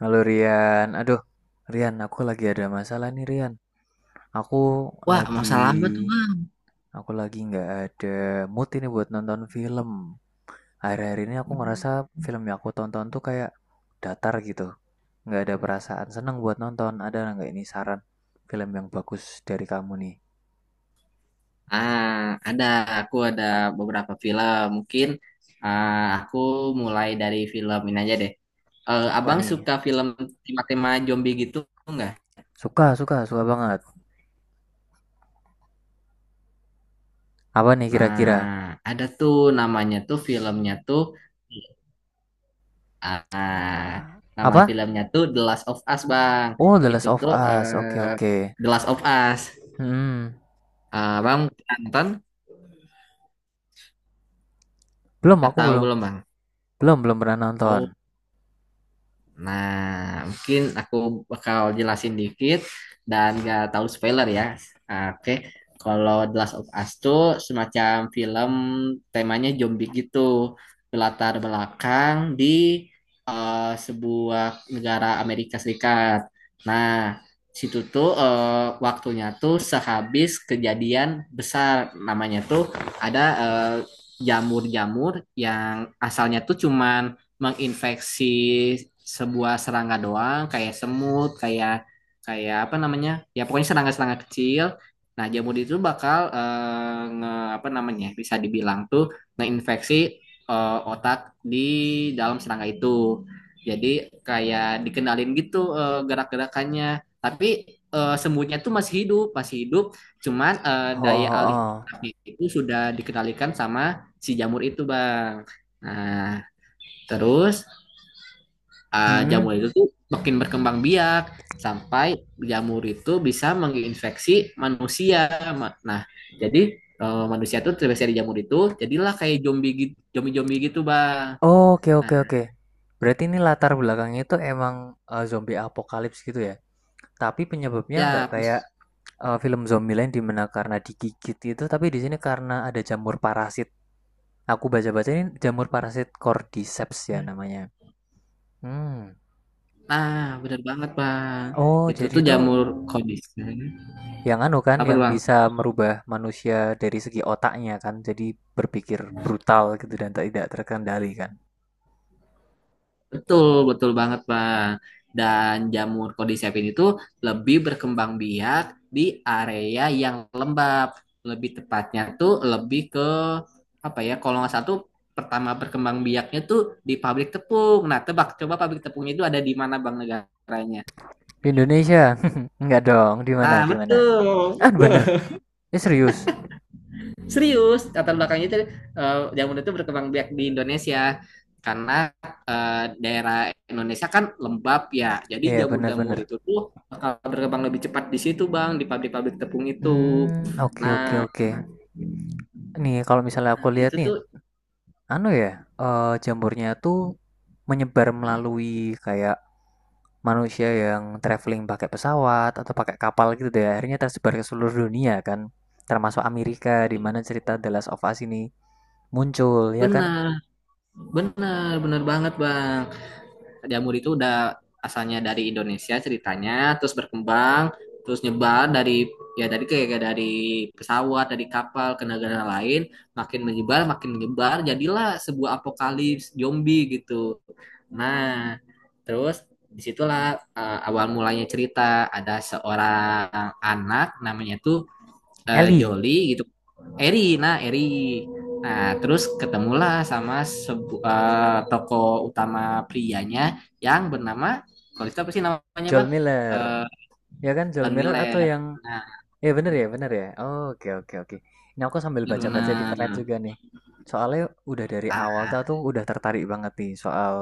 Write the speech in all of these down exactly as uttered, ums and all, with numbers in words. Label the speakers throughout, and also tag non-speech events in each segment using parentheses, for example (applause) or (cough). Speaker 1: Halo Rian, aduh Rian, aku lagi ada masalah nih Rian. Aku
Speaker 2: Wah,
Speaker 1: lagi,
Speaker 2: masalah apa tuh, Bang?
Speaker 1: aku lagi nggak ada mood ini buat nonton film. Akhir-akhir ini aku
Speaker 2: Hmm.
Speaker 1: ngerasa film yang aku tonton tuh kayak datar gitu. Nggak ada perasaan seneng buat nonton. Ada nggak ini saran film yang bagus dari kamu nih?
Speaker 2: Ah, ada. Aku ada beberapa film. Mungkin ah, aku mulai dari film ini aja deh. Eh,
Speaker 1: Apa
Speaker 2: abang
Speaker 1: nih?
Speaker 2: suka film tema-tema zombie gitu nggak?
Speaker 1: Suka, suka, suka banget. Apa nih kira-kira?
Speaker 2: Nah, ada tuh namanya tuh filmnya tuh ah,
Speaker 1: Ah,
Speaker 2: nama
Speaker 1: apa?
Speaker 2: filmnya tuh The Last of Us, Bang.
Speaker 1: Oh, The
Speaker 2: Itu
Speaker 1: Last of
Speaker 2: tuh
Speaker 1: Us. Oke,
Speaker 2: eh,
Speaker 1: oke.
Speaker 2: The Last of Us.
Speaker 1: Hmm,
Speaker 2: Ah, bang nonton
Speaker 1: belum, aku
Speaker 2: atau
Speaker 1: belum,
Speaker 2: belum, Bang?
Speaker 1: belum, belum pernah nonton.
Speaker 2: Nah, mungkin aku bakal jelasin dikit dan gak tahu spoiler ya. Ah, Oke. Kalau The Last of Us tuh semacam film temanya zombie gitu. Berlatar belakang di eh, sebuah negara Amerika Serikat. Nah, situ tuh eh, waktunya tuh sehabis kejadian besar, namanya tuh ada eh, jamur-jamur yang asalnya tuh cuman menginfeksi sebuah serangga doang, kayak semut, kayak kayak apa namanya, ya pokoknya serangga-serangga kecil. Nah, jamur itu bakal eh, nge, apa namanya, bisa dibilang tuh ngeinfeksi eh, otak di dalam serangga itu. Jadi kayak dikenalin gitu eh, gerak-gerakannya, tapi eh, semutnya tuh masih hidup masih hidup, cuman eh,
Speaker 1: Oh,
Speaker 2: daya alih
Speaker 1: oh, oh.
Speaker 2: otaknya itu sudah dikendalikan sama si jamur itu, Bang. Nah, terus Ah,
Speaker 1: Mm-mm.
Speaker 2: jamur itu tuh makin berkembang biak sampai jamur itu bisa menginfeksi manusia. Ma- Nah, jadi eh, manusia tuh terinfeksi dari jamur itu, jadilah kayak zombie gitu, zombie-zombie gitu, Bang.
Speaker 1: Oh, oke,
Speaker 2: Nah,
Speaker 1: oke, oke. Berarti ini latar belakangnya itu emang eh, zombie apokalips gitu ya. Tapi penyebabnya nggak
Speaker 2: ya,
Speaker 1: kayak eh, film Zombieland di mana karena digigit itu, tapi di sini karena ada jamur parasit. Aku baca-baca ini jamur parasit Cordyceps ya namanya. Hmm.
Speaker 2: nah bener banget, Bang.
Speaker 1: Oh,
Speaker 2: Itu
Speaker 1: jadi
Speaker 2: tuh
Speaker 1: itu
Speaker 2: jamur kondisi.
Speaker 1: yang anu kan
Speaker 2: Apa tuh,
Speaker 1: yang
Speaker 2: Bang?
Speaker 1: bisa merubah manusia dari segi otaknya kan. Jadi berpikir brutal gitu dan tidak terkendali kan.
Speaker 2: Betul, betul banget, Bang. Dan jamur cordyceps itu lebih berkembang biak di area yang lembab. Lebih tepatnya tuh lebih ke apa ya? Kalau nggak salah tuh pertama berkembang biaknya tuh di pabrik tepung. Nah, tebak coba pabrik tepungnya itu ada di mana, Bang, negaranya?
Speaker 1: Di Indonesia. (laughs) Nggak dong, di mana?
Speaker 2: Nah,
Speaker 1: Di mana? Ah,
Speaker 2: betul.
Speaker 1: bener? Ya serius?
Speaker 2: Serius, latar belakangnya itu eh, jamu itu berkembang biak di Indonesia karena eh, daerah Indonesia kan lembab ya. Jadi
Speaker 1: Iya, bener
Speaker 2: jamur-jamur
Speaker 1: bener.
Speaker 2: itu tuh bakal berkembang lebih cepat di situ, Bang, di pabrik-pabrik tepung itu.
Speaker 1: Mmm, oke oke
Speaker 2: Nah,
Speaker 1: oke. Nih, kalau misalnya aku lihat
Speaker 2: itu
Speaker 1: nih,
Speaker 2: tuh
Speaker 1: anu ya, eee, jambornya tuh menyebar melalui kayak manusia yang traveling pakai pesawat atau pakai kapal gitu deh, akhirnya tersebar ke seluruh dunia kan, termasuk Amerika di mana cerita The Last of Us ini muncul, ya kan?
Speaker 2: benar, benar, benar banget, Bang. Jamur itu udah asalnya dari Indonesia ceritanya, terus berkembang, terus nyebar dari ya dari kayak dari pesawat, dari kapal ke negara lain, makin menyebar, makin menyebar, jadilah sebuah apokalips zombie gitu. Nah, terus disitulah eh, awal mulanya cerita ada seorang anak namanya tuh eh,
Speaker 1: Ellie,
Speaker 2: Joli gitu, Eri, nah Eri, nah terus ketemulah sama sebu- eh, tokoh utama prianya yang bernama, kalau itu apa sih namanya,
Speaker 1: Joel
Speaker 2: bang?
Speaker 1: Miller,
Speaker 2: Eh,
Speaker 1: ya kan? Joel
Speaker 2: Don
Speaker 1: Miller atau
Speaker 2: Miller,
Speaker 1: yang
Speaker 2: nah
Speaker 1: ya bener ya, bener ya. Oke, oke, oke. Ini aku sambil baca-baca di internet
Speaker 2: benar-benar.
Speaker 1: juga nih. Soalnya udah dari awal tuh aku udah tertarik banget nih soal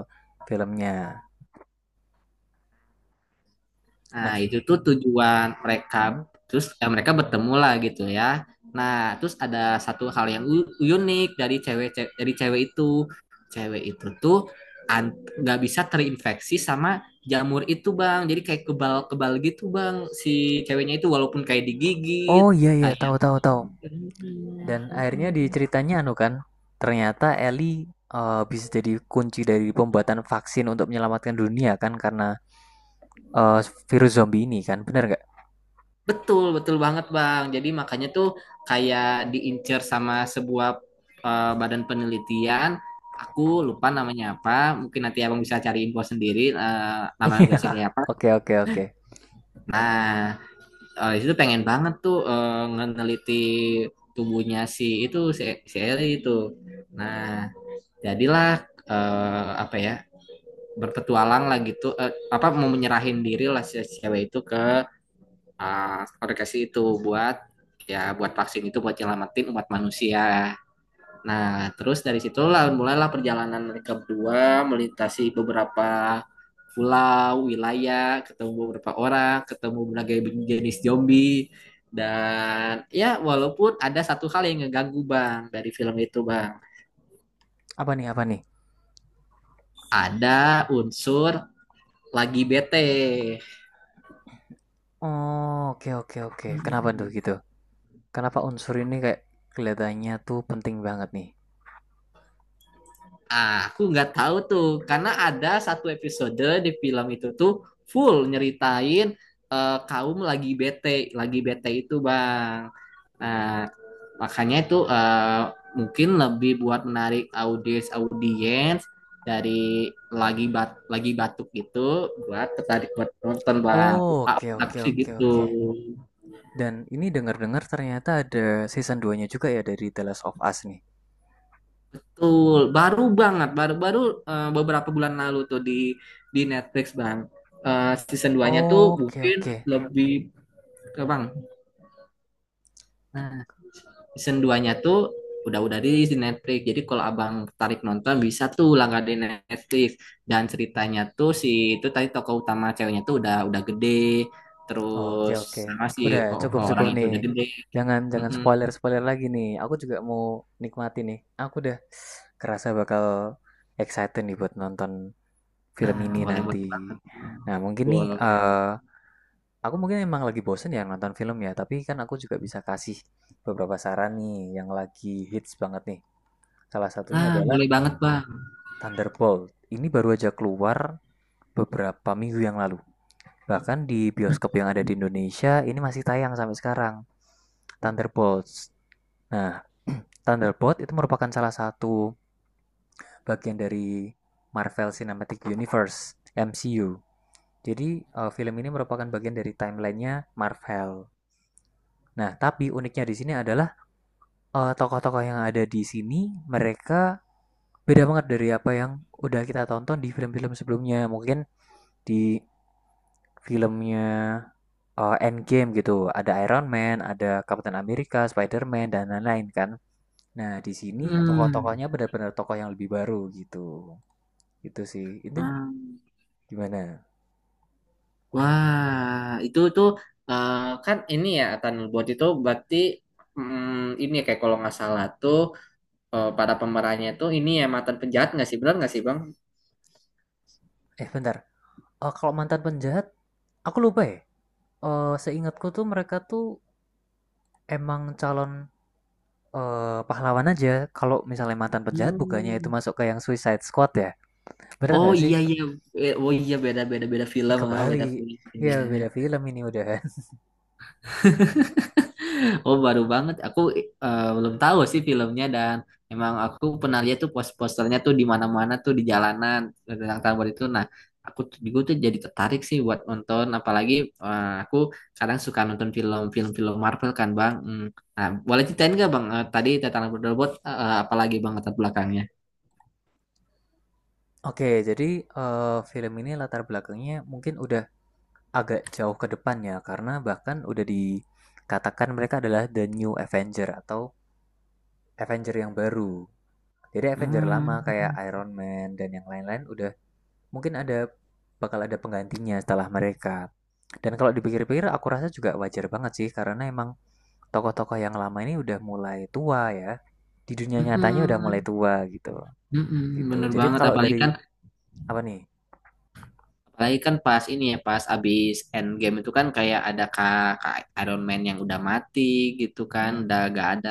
Speaker 1: filmnya.
Speaker 2: Nah,
Speaker 1: Nah,
Speaker 2: itu tuh tujuan mereka.
Speaker 1: mm.
Speaker 2: Terus ya, mereka bertemu lah gitu ya. Nah, terus ada satu hal yang u- unik dari cewek, ce- dari cewek itu. Cewek itu tuh an- nggak bisa terinfeksi sama jamur itu, Bang. Jadi kayak kebal-kebal gitu, Bang. Si ceweknya itu walaupun kayak digigit,
Speaker 1: Oh iya iya,
Speaker 2: kayak
Speaker 1: tahu tahu tahu. Dan akhirnya di ceritanya anu kan, ternyata Ellie eh, bisa jadi kunci dari pembuatan vaksin untuk menyelamatkan dunia kan karena eh, virus zombie ini kan, bener nggak?
Speaker 2: betul, betul banget, Bang. Jadi makanya tuh kayak diincer sama sebuah eh, badan penelitian. Aku lupa namanya apa. Mungkin nanti Abang bisa cari info sendiri eh,
Speaker 1: (laughs)
Speaker 2: nama
Speaker 1: Iya.
Speaker 2: organisasi kayak apa.
Speaker 1: Oke, oke, oke.
Speaker 2: Nah, eh, itu pengen banget tuh eh, ngeneliti tubuhnya si itu, si E, si Eli itu. Nah, jadilah eh, apa ya, berpetualang lah gitu. Eh, apa mau menyerahin diri lah si si cewek itu ke Ah, aku itu buat ya buat vaksin itu buat nyelamatin umat manusia. Nah, terus dari situlah mulailah perjalanan mereka berdua melintasi beberapa pulau, wilayah, ketemu beberapa orang, ketemu berbagai jenis zombie, dan ya walaupun ada satu hal yang ngeganggu, Bang, dari film itu, Bang.
Speaker 1: Apa nih, apa nih?
Speaker 2: Ada unsur lagi bete.
Speaker 1: Oh, oke, oke, oke. Kenapa tuh
Speaker 2: Hmm.
Speaker 1: gitu? Kenapa unsur ini kayak kelihatannya tuh penting banget nih?
Speaker 2: Ah, aku nggak tahu tuh, karena ada satu episode di film itu tuh full nyeritain eh, kaum lagi bete, lagi bete itu bang. Nah, makanya itu eh, mungkin lebih buat menarik audiens audiens dari lagi bat lagi batuk gitu buat tertarik buat nonton, bang. Aku
Speaker 1: Oh, oke
Speaker 2: aku
Speaker 1: oke
Speaker 2: sih
Speaker 1: oke
Speaker 2: gitu.
Speaker 1: oke. Dan ini dengar-dengar ternyata ada season dua-nya juga ya dari The Last of Us nih.
Speaker 2: Betul, baru banget, baru-baru eh, beberapa bulan lalu tuh di di Netflix, Bang. Eh, season duanya tuh
Speaker 1: Oh, oke
Speaker 2: mungkin
Speaker 1: oke.
Speaker 2: lebih ke, Bang. Nah, season duanya tuh udah-udah rilis di Netflix. Jadi kalau Abang tertarik nonton bisa tuh langganan Netflix. Dan ceritanya tuh si itu tadi tokoh utama ceweknya tuh udah udah gede.
Speaker 1: Oke
Speaker 2: Terus
Speaker 1: oke.
Speaker 2: sama si
Speaker 1: Udah
Speaker 2: o- orang
Speaker 1: cukup-cukup
Speaker 2: itu
Speaker 1: nih.
Speaker 2: udah gede.
Speaker 1: Jangan jangan
Speaker 2: Mm-mm.
Speaker 1: spoiler-spoiler lagi nih. Aku juga mau nikmati nih. Aku udah kerasa bakal excited nih buat nonton film
Speaker 2: Nah,
Speaker 1: ini nanti.
Speaker 2: boleh-boleh banget.
Speaker 1: Nah, mungkin nih
Speaker 2: Boleh.
Speaker 1: eh aku mungkin emang lagi bosen ya nonton film ya, tapi kan aku juga bisa kasih beberapa saran nih yang lagi hits banget nih. Salah satunya
Speaker 2: Ah,
Speaker 1: adalah
Speaker 2: boleh banget, Bang.
Speaker 1: Thunderbolt. Ini baru aja keluar beberapa minggu yang lalu. Bahkan di bioskop yang ada di Indonesia ini masih tayang sampai sekarang. Thunderbolts. Nah, Thunderbolt itu merupakan salah satu bagian dari Marvel Cinematic Universe, M C U. Jadi, eh, film ini merupakan bagian dari timelinenya Marvel. Nah, tapi uniknya di sini adalah eh, tokoh-tokoh yang ada di sini mereka beda banget dari apa yang udah kita tonton di film-film sebelumnya. Mungkin di filmnya eh, Endgame gitu, ada Iron Man, ada Captain America, Spider-Man dan lain-lain kan. Nah, di sini
Speaker 2: Hmm.
Speaker 1: tokoh-tokohnya benar-benar tokoh yang lebih baru gitu. Itu sih. Itu
Speaker 2: Ah.
Speaker 1: gimana?
Speaker 2: Wah, itu tuh eh, kan ini ya Thunderbolt itu berarti mm, ini ya, kayak kalau nggak salah tuh eh, para pemerannya tuh ini ya mantan penjahat nggak sih, benar nggak sih, Bang?
Speaker 1: Eh, bentar. Eh, kalau mantan penjahat, aku lupa ya. Eh, seingatku tuh mereka tuh emang calon eh, pahlawan aja. Kalau misalnya mantan penjahat bukannya itu
Speaker 2: Hmm.
Speaker 1: masuk ke yang Suicide Squad ya? Bener
Speaker 2: Oh
Speaker 1: nggak sih?
Speaker 2: iya iya. Eh, oh iya, beda, beda beda
Speaker 1: Ya
Speaker 2: film, ah beda
Speaker 1: kebalik. Ya
Speaker 2: filmnya.
Speaker 1: beda film ini udahan.
Speaker 2: Oh baru banget, aku eh, belum tahu sih filmnya dan emang aku pernah lihat tuh pos-posternya tuh di mana-mana tuh di jalanan tentang Tambor itu. Nah aku tuh juga tuh jadi tertarik sih buat nonton, apalagi eh, aku kadang suka nonton film-film film Marvel kan, bang. Hmm. Nah boleh ceritain nggak bang eh, tadi tentang robot eh, apalagi bang latar belakangnya?
Speaker 1: (laughs) Oke, jadi eh, film ini latar belakangnya mungkin udah agak jauh ke depannya karena bahkan udah dikatakan mereka adalah The New Avenger atau Avenger yang baru. Jadi Avenger
Speaker 2: Hmm.
Speaker 1: lama kayak Iron Man dan yang lain-lain udah mungkin ada bakal ada penggantinya setelah mereka. Dan kalau dipikir-pikir aku rasa juga wajar banget sih karena emang tokoh-tokoh yang lama ini udah mulai tua ya. Di dunia nyatanya udah mulai
Speaker 2: Mm-mm.
Speaker 1: tua gitu.
Speaker 2: Mm-mm.
Speaker 1: Gitu.
Speaker 2: Bener
Speaker 1: Jadi
Speaker 2: banget
Speaker 1: kalau
Speaker 2: apalagi
Speaker 1: dari
Speaker 2: kan.
Speaker 1: apa nih?
Speaker 2: Apalagi kan pas ini ya, pas abis Endgame itu kan kayak ada kak, kak Iron Man yang udah mati gitu kan,
Speaker 1: Hmm.
Speaker 2: udah gak ada.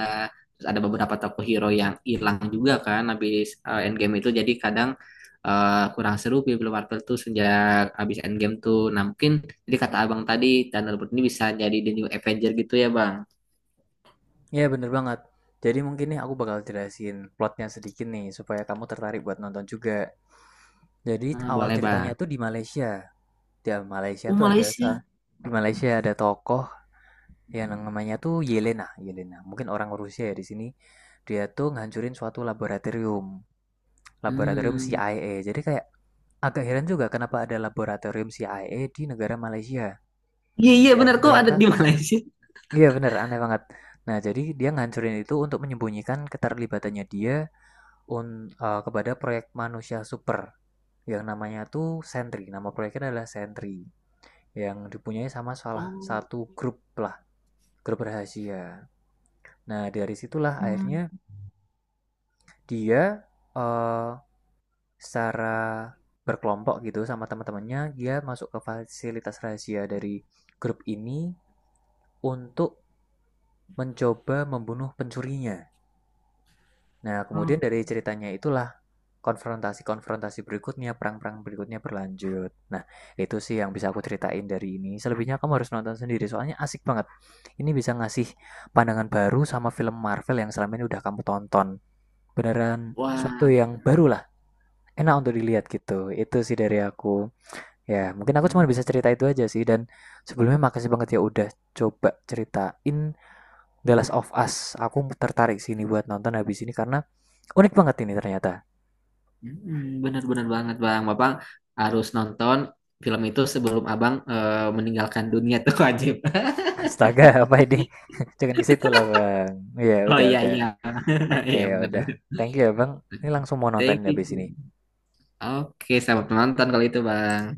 Speaker 2: Terus ada beberapa tokoh hero yang hilang juga kan abis eh, Endgame itu. Jadi kadang eh, kurang seru film Marvel tuh sejak abis Endgame tuh. Nah mungkin jadi kata abang tadi, Thunder ini bisa jadi The New Avenger gitu ya bang.
Speaker 1: Ya bener banget. Jadi mungkin nih aku bakal jelasin plotnya sedikit nih supaya kamu tertarik buat nonton juga. Jadi
Speaker 2: Nah,
Speaker 1: awal
Speaker 2: boleh bang.
Speaker 1: ceritanya tuh di Malaysia. Di Malaysia
Speaker 2: Oh
Speaker 1: tuh ada sa-
Speaker 2: Malaysia.
Speaker 1: di Malaysia ada tokoh yang namanya tuh Yelena. Yelena. Mungkin orang Rusia ya di sini. Dia tuh ngancurin suatu laboratorium, laboratorium
Speaker 2: Hmm.
Speaker 1: C I A. Jadi kayak agak heran juga kenapa ada laboratorium C I A di negara Malaysia
Speaker 2: Iya iya
Speaker 1: yang
Speaker 2: benar kok ada di
Speaker 1: ternyata
Speaker 2: Malaysia.
Speaker 1: iya bener aneh banget. Nah, jadi dia ngancurin itu untuk menyembunyikan keterlibatannya dia un, eh, kepada proyek manusia super yang namanya tuh Sentry. Nama proyeknya adalah Sentry yang dipunyai sama salah
Speaker 2: Oh.
Speaker 1: satu grup lah, grup rahasia. Nah, dari situlah
Speaker 2: Hmm.
Speaker 1: akhirnya dia eh, secara berkelompok gitu sama teman-temannya dia masuk ke fasilitas rahasia dari grup ini untuk mencoba membunuh pencurinya. Nah,
Speaker 2: Hmm.
Speaker 1: kemudian dari ceritanya itulah konfrontasi-konfrontasi berikutnya, perang-perang berikutnya berlanjut. Nah, itu sih yang bisa aku ceritain dari ini. Selebihnya kamu harus nonton sendiri, soalnya asik banget. Ini bisa ngasih pandangan baru sama film Marvel yang selama ini udah kamu tonton. Beneran suatu
Speaker 2: Wah.
Speaker 1: yang baru lah, enak untuk dilihat gitu. Itu sih dari aku. Ya, mungkin aku cuma bisa cerita itu aja sih. Dan sebelumnya makasih banget ya udah coba ceritain The Last of Us. Aku tertarik sini buat nonton habis ini karena unik banget ini ternyata.
Speaker 2: Mm, bener-bener banget bang, bapak harus nonton film itu sebelum abang eh, meninggalkan dunia tuh wajib. (laughs)
Speaker 1: (laughs) Astaga, apa ini? (laughs) Jangan ke situ lah, Bang. Ya,
Speaker 2: Oh
Speaker 1: udah,
Speaker 2: iya
Speaker 1: udah.
Speaker 2: iya, (laughs)
Speaker 1: Oke,
Speaker 2: iya
Speaker 1: ya udah.
Speaker 2: benar-benar.
Speaker 1: Thank you ya, Bang. Ini langsung mau
Speaker 2: Thank
Speaker 1: nontonin habis
Speaker 2: you.
Speaker 1: ini.
Speaker 2: Oke, selamat menonton kalau itu bang.